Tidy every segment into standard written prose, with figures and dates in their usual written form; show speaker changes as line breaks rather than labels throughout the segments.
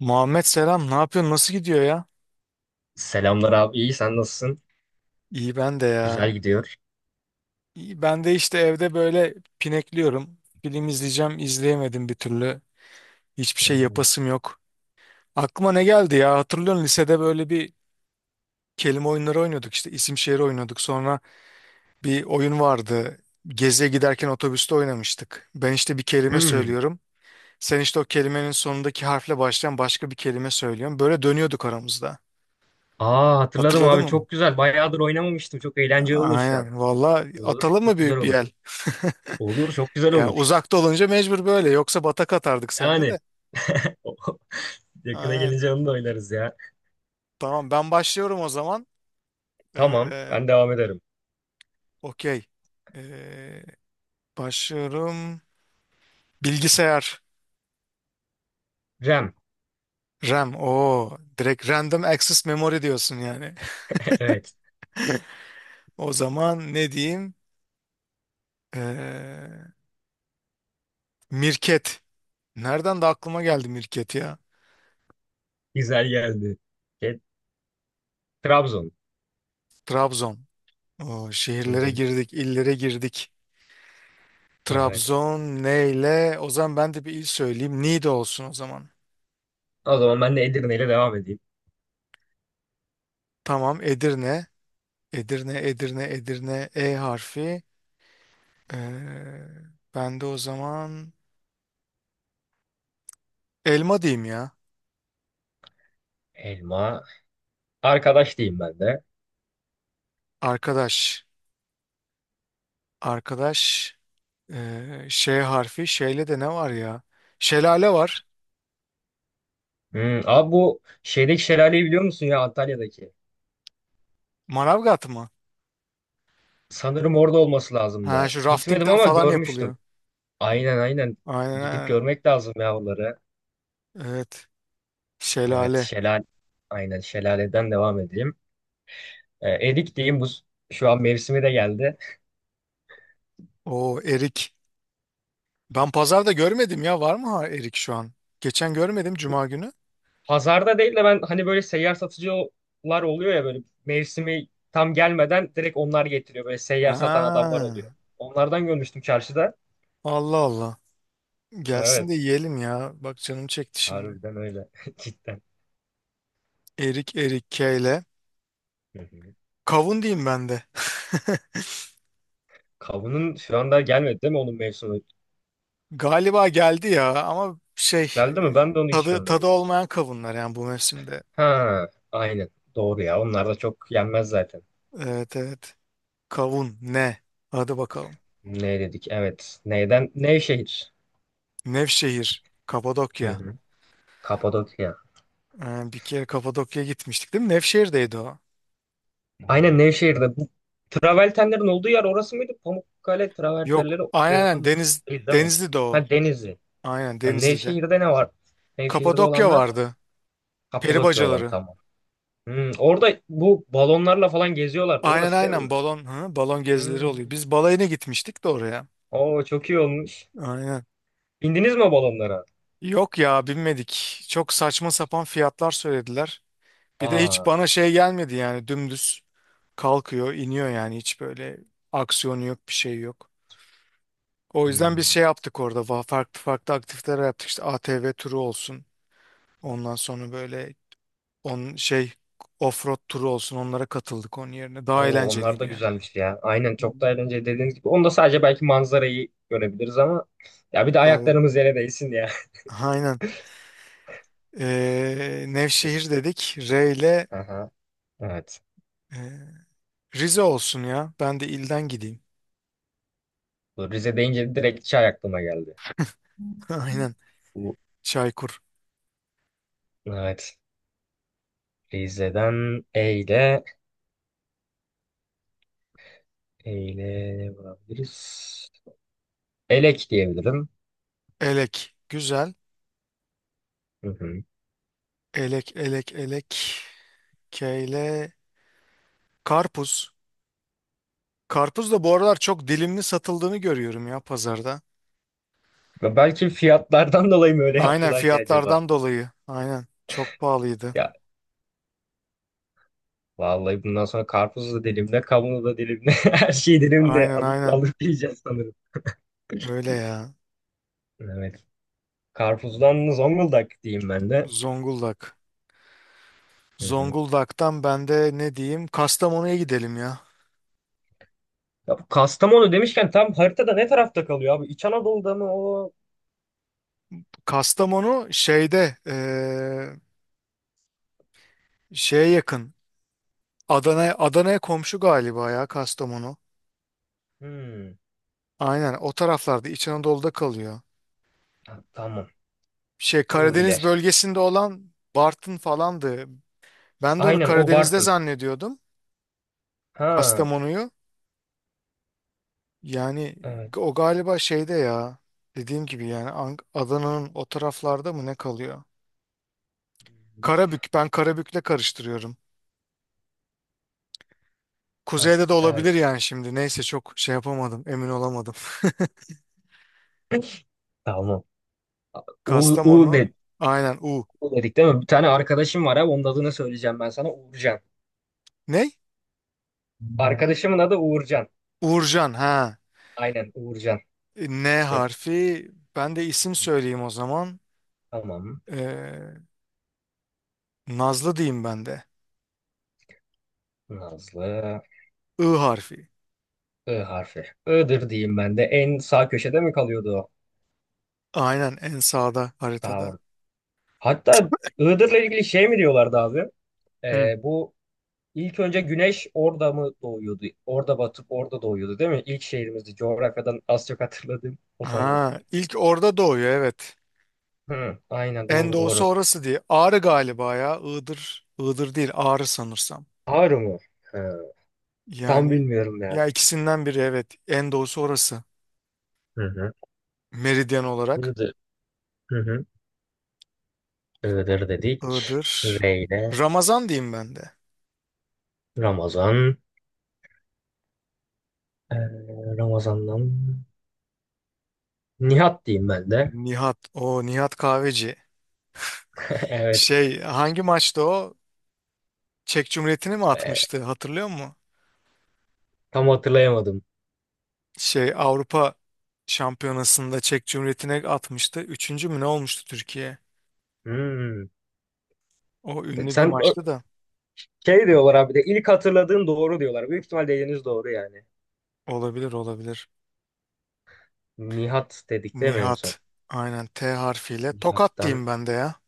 Muhammed selam. Ne yapıyorsun? Nasıl gidiyor ya?
Selamlar abi. İyi sen nasılsın?
İyi ben de ya.
Güzel gidiyor.
İyi ben de işte evde böyle pinekliyorum. Film izleyeceğim, izleyemedim bir türlü. Hiçbir şey yapasım yok. Aklıma ne geldi ya? Hatırlıyorsun lisede böyle bir kelime oyunları oynuyorduk işte isim şehir oynuyorduk. Sonra bir oyun vardı. Geziye giderken otobüste oynamıştık. Ben işte bir kelime
Hmm.
söylüyorum. Sen işte o kelimenin sonundaki harfle başlayan başka bir kelime söylüyorsun. Böyle dönüyorduk aramızda.
Aa, hatırladım
Hatırladın
abi,
mı?
çok güzel. Bayağıdır oynamamıştım. Çok eğlenceli olur şu an.
Aynen. Valla
Olur.
atalım mı
Çok güzel
bir
olur.
el?
Olur. Çok güzel
Yani
olur.
uzakta olunca mecbur böyle. Yoksa batak atardık seninle
Yani
de.
yakına
Aynen.
gelince onu da oynarız ya.
Tamam ben başlıyorum o zaman.
Tamam.
Ee,
Ben devam ederim.
okey. Ee, başlıyorum. Bilgisayar.
Rem.
RAM. Oo, direkt Random Access Memory diyorsun yani.
Evet.
O zaman ne diyeyim? Ee, Mirket. Nereden de aklıma geldi Mirket ya.
Güzel geldi. E, Trabzon.
Trabzon. Oo,
Hı
şehirlere
hı.
girdik, illere girdik.
Evet.
Trabzon neyle? O zaman ben de bir il söyleyeyim. Niğde olsun o zaman.
O zaman ben de Edirne ile devam edeyim.
Tamam, Edirne. Edirne, Edirne, Edirne. E harfi. Ee, ben de o zaman elma diyeyim ya.
Elma. Arkadaş diyeyim ben de.
Arkadaş. Arkadaş. Şey harfi. Şeyle de ne var ya? Şelale var.
Hmm. Abi, bu şeydeki şelaleyi biliyor musun ya, Antalya'daki?
Manavgat mı?
Sanırım orada olması
Ha
lazımdı.
şu
Gitmedim
raftingler
ama
falan
görmüştüm.
yapılıyor.
Aynen aynen.
Aynen
Gidip
aynen.
görmek lazım yavruları.
Evet.
Evet,
Şelale.
şelale. Aynen şelaleden devam edeyim. Erik diyeyim, bu şu an mevsimi de geldi.
O erik. Ben pazarda görmedim ya. Var mı ha erik şu an? Geçen görmedim cuma günü.
Pazarda değil de ben hani böyle seyyar satıcılar oluyor ya, böyle mevsimi tam gelmeden direkt onlar getiriyor. Böyle seyyar satan adamlar oluyor.
Ha.
Onlardan görmüştüm çarşıda.
Allah Allah. Gelsin de
Evet.
yiyelim ya. Bak canım çekti şimdi.
Harbiden öyle. Cidden.
Erik Erik K ile.
Hı hı.
Kavun diyeyim ben de.
Kavunun şu anda gelmedi değil mi onun mevsimi?
Galiba geldi ya ama şey
Geldi mi? Ben de onu hiç
tadı
görmedim.
olmayan kavunlar yani bu mevsimde.
Ha, aynen. Doğru ya. Onlar da çok yenmez zaten.
Evet evet. Kavun ne? Hadi bakalım.
Ne dedik? Evet. Neyden? Nevşehir.
Nevşehir,
Hı
Kapadokya.
hı. Kapadokya.
Bir kere Kapadokya'ya gitmiştik değil mi? Nevşehir'deydi o.
Aynen Nevşehir'de. Bu travertenlerin olduğu yer orası mıydı? Pamukkale
Yok,
travertenleri
aynen
orada
aynen.
mı? Değil değil mi?
Denizli'de o.
Ha, Denizli.
Aynen
Ha,
Denizli'de.
Nevşehir'de ne var? Nevşehir'de
Kapadokya
olanlar
vardı. Peri
Kapadokya olan
bacaları.
tamam. Hmm, orada bu balonlarla falan geziyorlardı.
Aynen
Orası değil mi?
aynen balon gezileri oluyor.
Hmm.
Biz balayına gitmiştik de oraya.
Oo, çok iyi olmuş.
Aynen.
Bindiniz mi balonlara?
Yok ya binmedik. Çok saçma sapan fiyatlar söylediler. Bir de hiç
Aa.
bana şey gelmedi yani dümdüz kalkıyor, iniyor yani hiç böyle aksiyonu yok, bir şey yok. O yüzden biz
Hmm.
şey yaptık orada. Farklı farklı aktiviteler yaptık. İşte ATV turu olsun. Ondan sonra böyle on şey offroad turu olsun. Onlara katıldık onun yerine. Daha
Oo, onlar
eğlenceliydi
da
yani.
güzelmiş ya. Aynen,
Hmm.
çok da eğlenceli dediğiniz gibi. Onda sadece belki manzarayı görebiliriz ama ya bir de
Tabii.
ayaklarımız yere değsin ya.
Aynen. Nevşehir dedik. R ile
Aha, evet.
e, Rize olsun ya. Ben de ilden gideyim.
Bu Rize deyince direkt çay aklıma geldi.
Aynen.
Bu,
Çaykur.
evet. Rize'den Eyle, Eyle ne bulabiliriz? Elek diyebilirim.
Elek. Güzel.
Hı hı.
Elek, elek, elek. Keyle. Karpuz. Karpuz da bu aralar çok dilimli satıldığını görüyorum ya pazarda.
Ve belki fiyatlardan dolayı mı öyle
Aynen
yaptılar ki acaba?
fiyatlardan dolayı. Aynen. Çok pahalıydı.
Ya vallahi bundan sonra karpuzu da dilimle, kavunu da dilimle, her şeyi dilimle
Aynen
alıp,
aynen.
alıp yiyeceğiz sanırım.
Öyle ya.
Evet. Karpuz'dan Zonguldak diyeyim ben de.
Zonguldak.
Hı hı.
Zonguldak'tan ben de ne diyeyim? Kastamonu'ya gidelim ya.
Ya bu Kastamonu demişken tam haritada ne tarafta kalıyor abi? İç Anadolu'da mı o?
Kastamonu şeyde şeye yakın. Adana'ya komşu galiba ya Kastamonu.
Hmm.
Aynen o taraflarda İç Anadolu'da kalıyor.
Ha, tamam.
Şey
O
Karadeniz
iler.
bölgesinde olan Bartın falandı. Ben de onu
Aynen o
Karadeniz'de
Bartın.
zannediyordum.
Ha,
Kastamonu'yu. Yani
evet.
o galiba şeyde ya. Dediğim gibi yani Adana'nın o taraflarda mı ne kalıyor? Karabük. Ben Karabük'le karıştırıyorum.
Ha,
Kuzeyde de olabilir
evet.
yani şimdi. Neyse çok şey yapamadım. Emin olamadım.
Tamam. U, U, de,
Kastamonu. Aynen U.
U dedik değil mi? Bir tane arkadaşım var abi. Onun adını söyleyeceğim ben sana. Uğurcan.
Ne?
Arkadaşımın adı Uğurcan.
Uğurcan. Ha.
Aynen Uğurcan.
N
Çok
harfi. Ben de isim söyleyeyim o zaman.
tamam.
Ee, Nazlı diyeyim ben de.
Nazlı.
I harfi.
I harfi. I'dır diyeyim ben de. En sağ köşede mi kalıyordu o?
Aynen en sağda haritada.
Sağ hatta Iğdır'la ilgili şey mi diyorlardı abi?
Hı.
Bu ilk önce güneş orada mı doğuyordu? Orada batıp orada doğuyordu değil mi? İlk şehrimizdi. Coğrafyadan az çok hatırladığım o sanırım.
Ha, ilk orada doğuyor evet.
Hı, aynen
En
doğru
doğusu
doğru.
orası diye. Ağrı galiba ya. Iğdır. Iğdır değil Ağrı sanırsam.
Ağrı mı? Hı, tam
Yani
bilmiyorum ya.
ya ikisinden biri evet. En doğusu orası.
Hı hı.
Meridyen olarak.
Iğdır. Hı hı. Iğdır dedik.
Iğdır.
Reyne.
Ramazan diyeyim ben de.
Ramazan. Ramazan'dan Nihat diyeyim ben de.
Nihat. O Nihat Kahveci.
Evet.
Şey hangi maçta o? Çek Cumhuriyeti'ni mi
Ee,
atmıştı hatırlıyor musun?
tam hatırlayamadım.
Şey Avrupa Şampiyonası'nda Çek Cumhuriyeti'ne atmıştı. Üçüncü mü ne olmuştu Türkiye?
Hmm.
O ünlü bir
Sen
maçtı da.
şey diyorlar abi de, ilk hatırladığın doğru diyorlar. Büyük ihtimal dediğiniz doğru yani.
Olabilir olabilir.
Nihat dedik değil mi en son?
Nihat. Aynen T harfiyle. Tokat
Nihat'tan.
diyeyim ben de ya.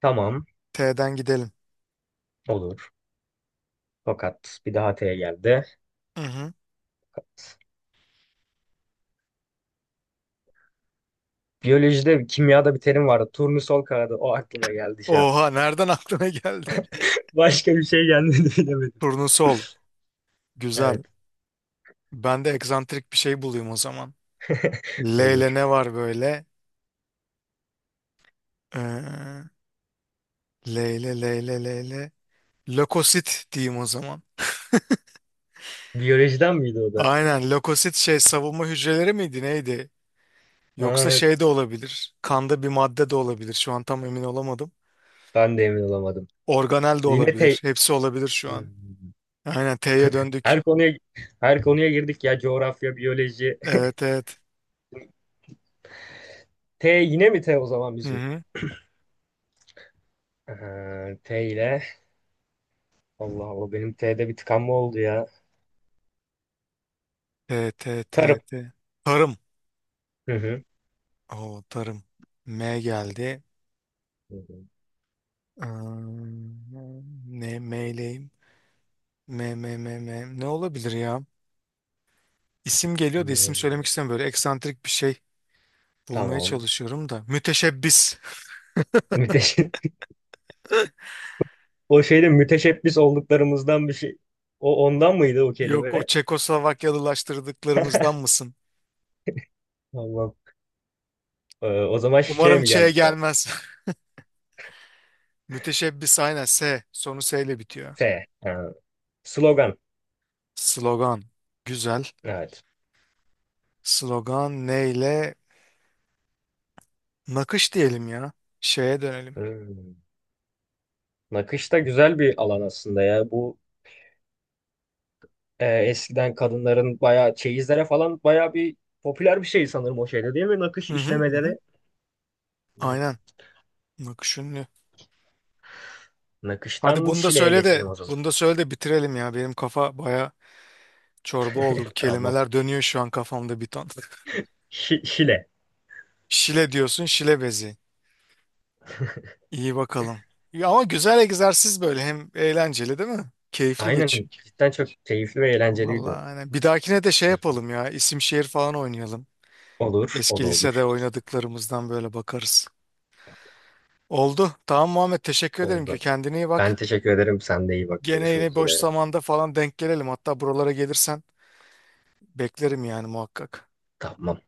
Tamam
T'den gidelim.
olur. Fakat bir daha T'ye geldi.
Hı hı.
Biyolojide, kimyada bir terim vardı. Turnusol kağıdı. O aklıma geldi şu an.
Oha nereden aklına geldi?
Başka bir şey gelmedi, bilemedim.
Turnusol. Güzel.
Evet
Ben de egzantrik bir şey bulayım o zaman. L ile
olur.
ne var böyle? Ee, L ile L ile L ile. Lökosit diyeyim o zaman.
Biyolojiden miydi o da?
Aynen lökosit şey savunma hücreleri miydi neydi? Yoksa
Ha,
şey de olabilir. Kanda bir madde de olabilir. Şu an tam emin olamadım.
ben de emin olamadım.
Organel de
Yine
olabilir.
T.
Hepsi olabilir şu
Hmm.
an. Aynen T'ye döndük.
Her konuya her konuya girdik ya. Coğrafya, biyoloji.
Evet evet.
T yine mi T o zaman
Hı
bizim?
hı.
T ile. Allah Allah, benim T'de bir tıkanma oldu ya.
T T T
Tarım.
T. Tarım.
Hı hı.
Oo tarım. M geldi.
Hı hı.
Ne M'leyim? M M M M. Ne olabilir ya? İsim geliyor da isim söylemek
Meyve.
istemiyorum. Böyle eksantrik bir şey bulmaya
Tamam.
çalışıyorum da. Müteşebbis.
Müteş o şeyde müteşebbis olduklarımızdan bir şey. O ondan mıydı o
Yok o
kelime?
Çekoslovakyalılaştırdıklarımızdan mısın?
Tamam. O zaman şey
Umarım
mi
Ç'ye
geldi şu an?
gelmez. Müteşebbis aynen S. Sonu S ile bitiyor.
S. Ha. Slogan.
Slogan. Güzel.
Evet.
Slogan neyle? Nakış diyelim ya. Şeye dönelim.
Hmm. Nakış da güzel bir alan aslında ya. Bu eskiden kadınların bayağı çeyizlere falan bayağı bir popüler bir şey sanırım o şeyde değil mi? Nakış
Hı hı hı. Hı.
işlemeleri. Hmm.
Aynen. Nakış ünlü. Hadi
Nakıştan
bunu da
Şile'ye
söyle
geçelim
de
o zaman.
bunu da söyle de bitirelim ya. Benim kafa baya çorba oldu. Bu
Tamam.
kelimeler dönüyor şu an kafamda bir ton.
Şi- Şile.
Şile diyorsun, şile bezi. İyi bakalım. Ya ama güzel egzersiz böyle. Hem eğlenceli değil mi? Keyifli
Aynen
geçiyor.
cidden çok keyifli ve eğlenceliydi.
Vallahi aynen. Bir dahakine de şey yapalım ya. İsim şehir falan oynayalım.
Olur, o
Eski
da olur.
lisede oynadıklarımızdan böyle bakarız. Oldu. Tamam Muhammed teşekkür ederim ki
Oldu.
kendine iyi
Ben
bak.
teşekkür ederim. Sen de iyi bak.
Gene
Görüşmek
yine boş
üzere.
zamanda falan denk gelelim. Hatta buralara gelirsen beklerim yani muhakkak.
Tamam.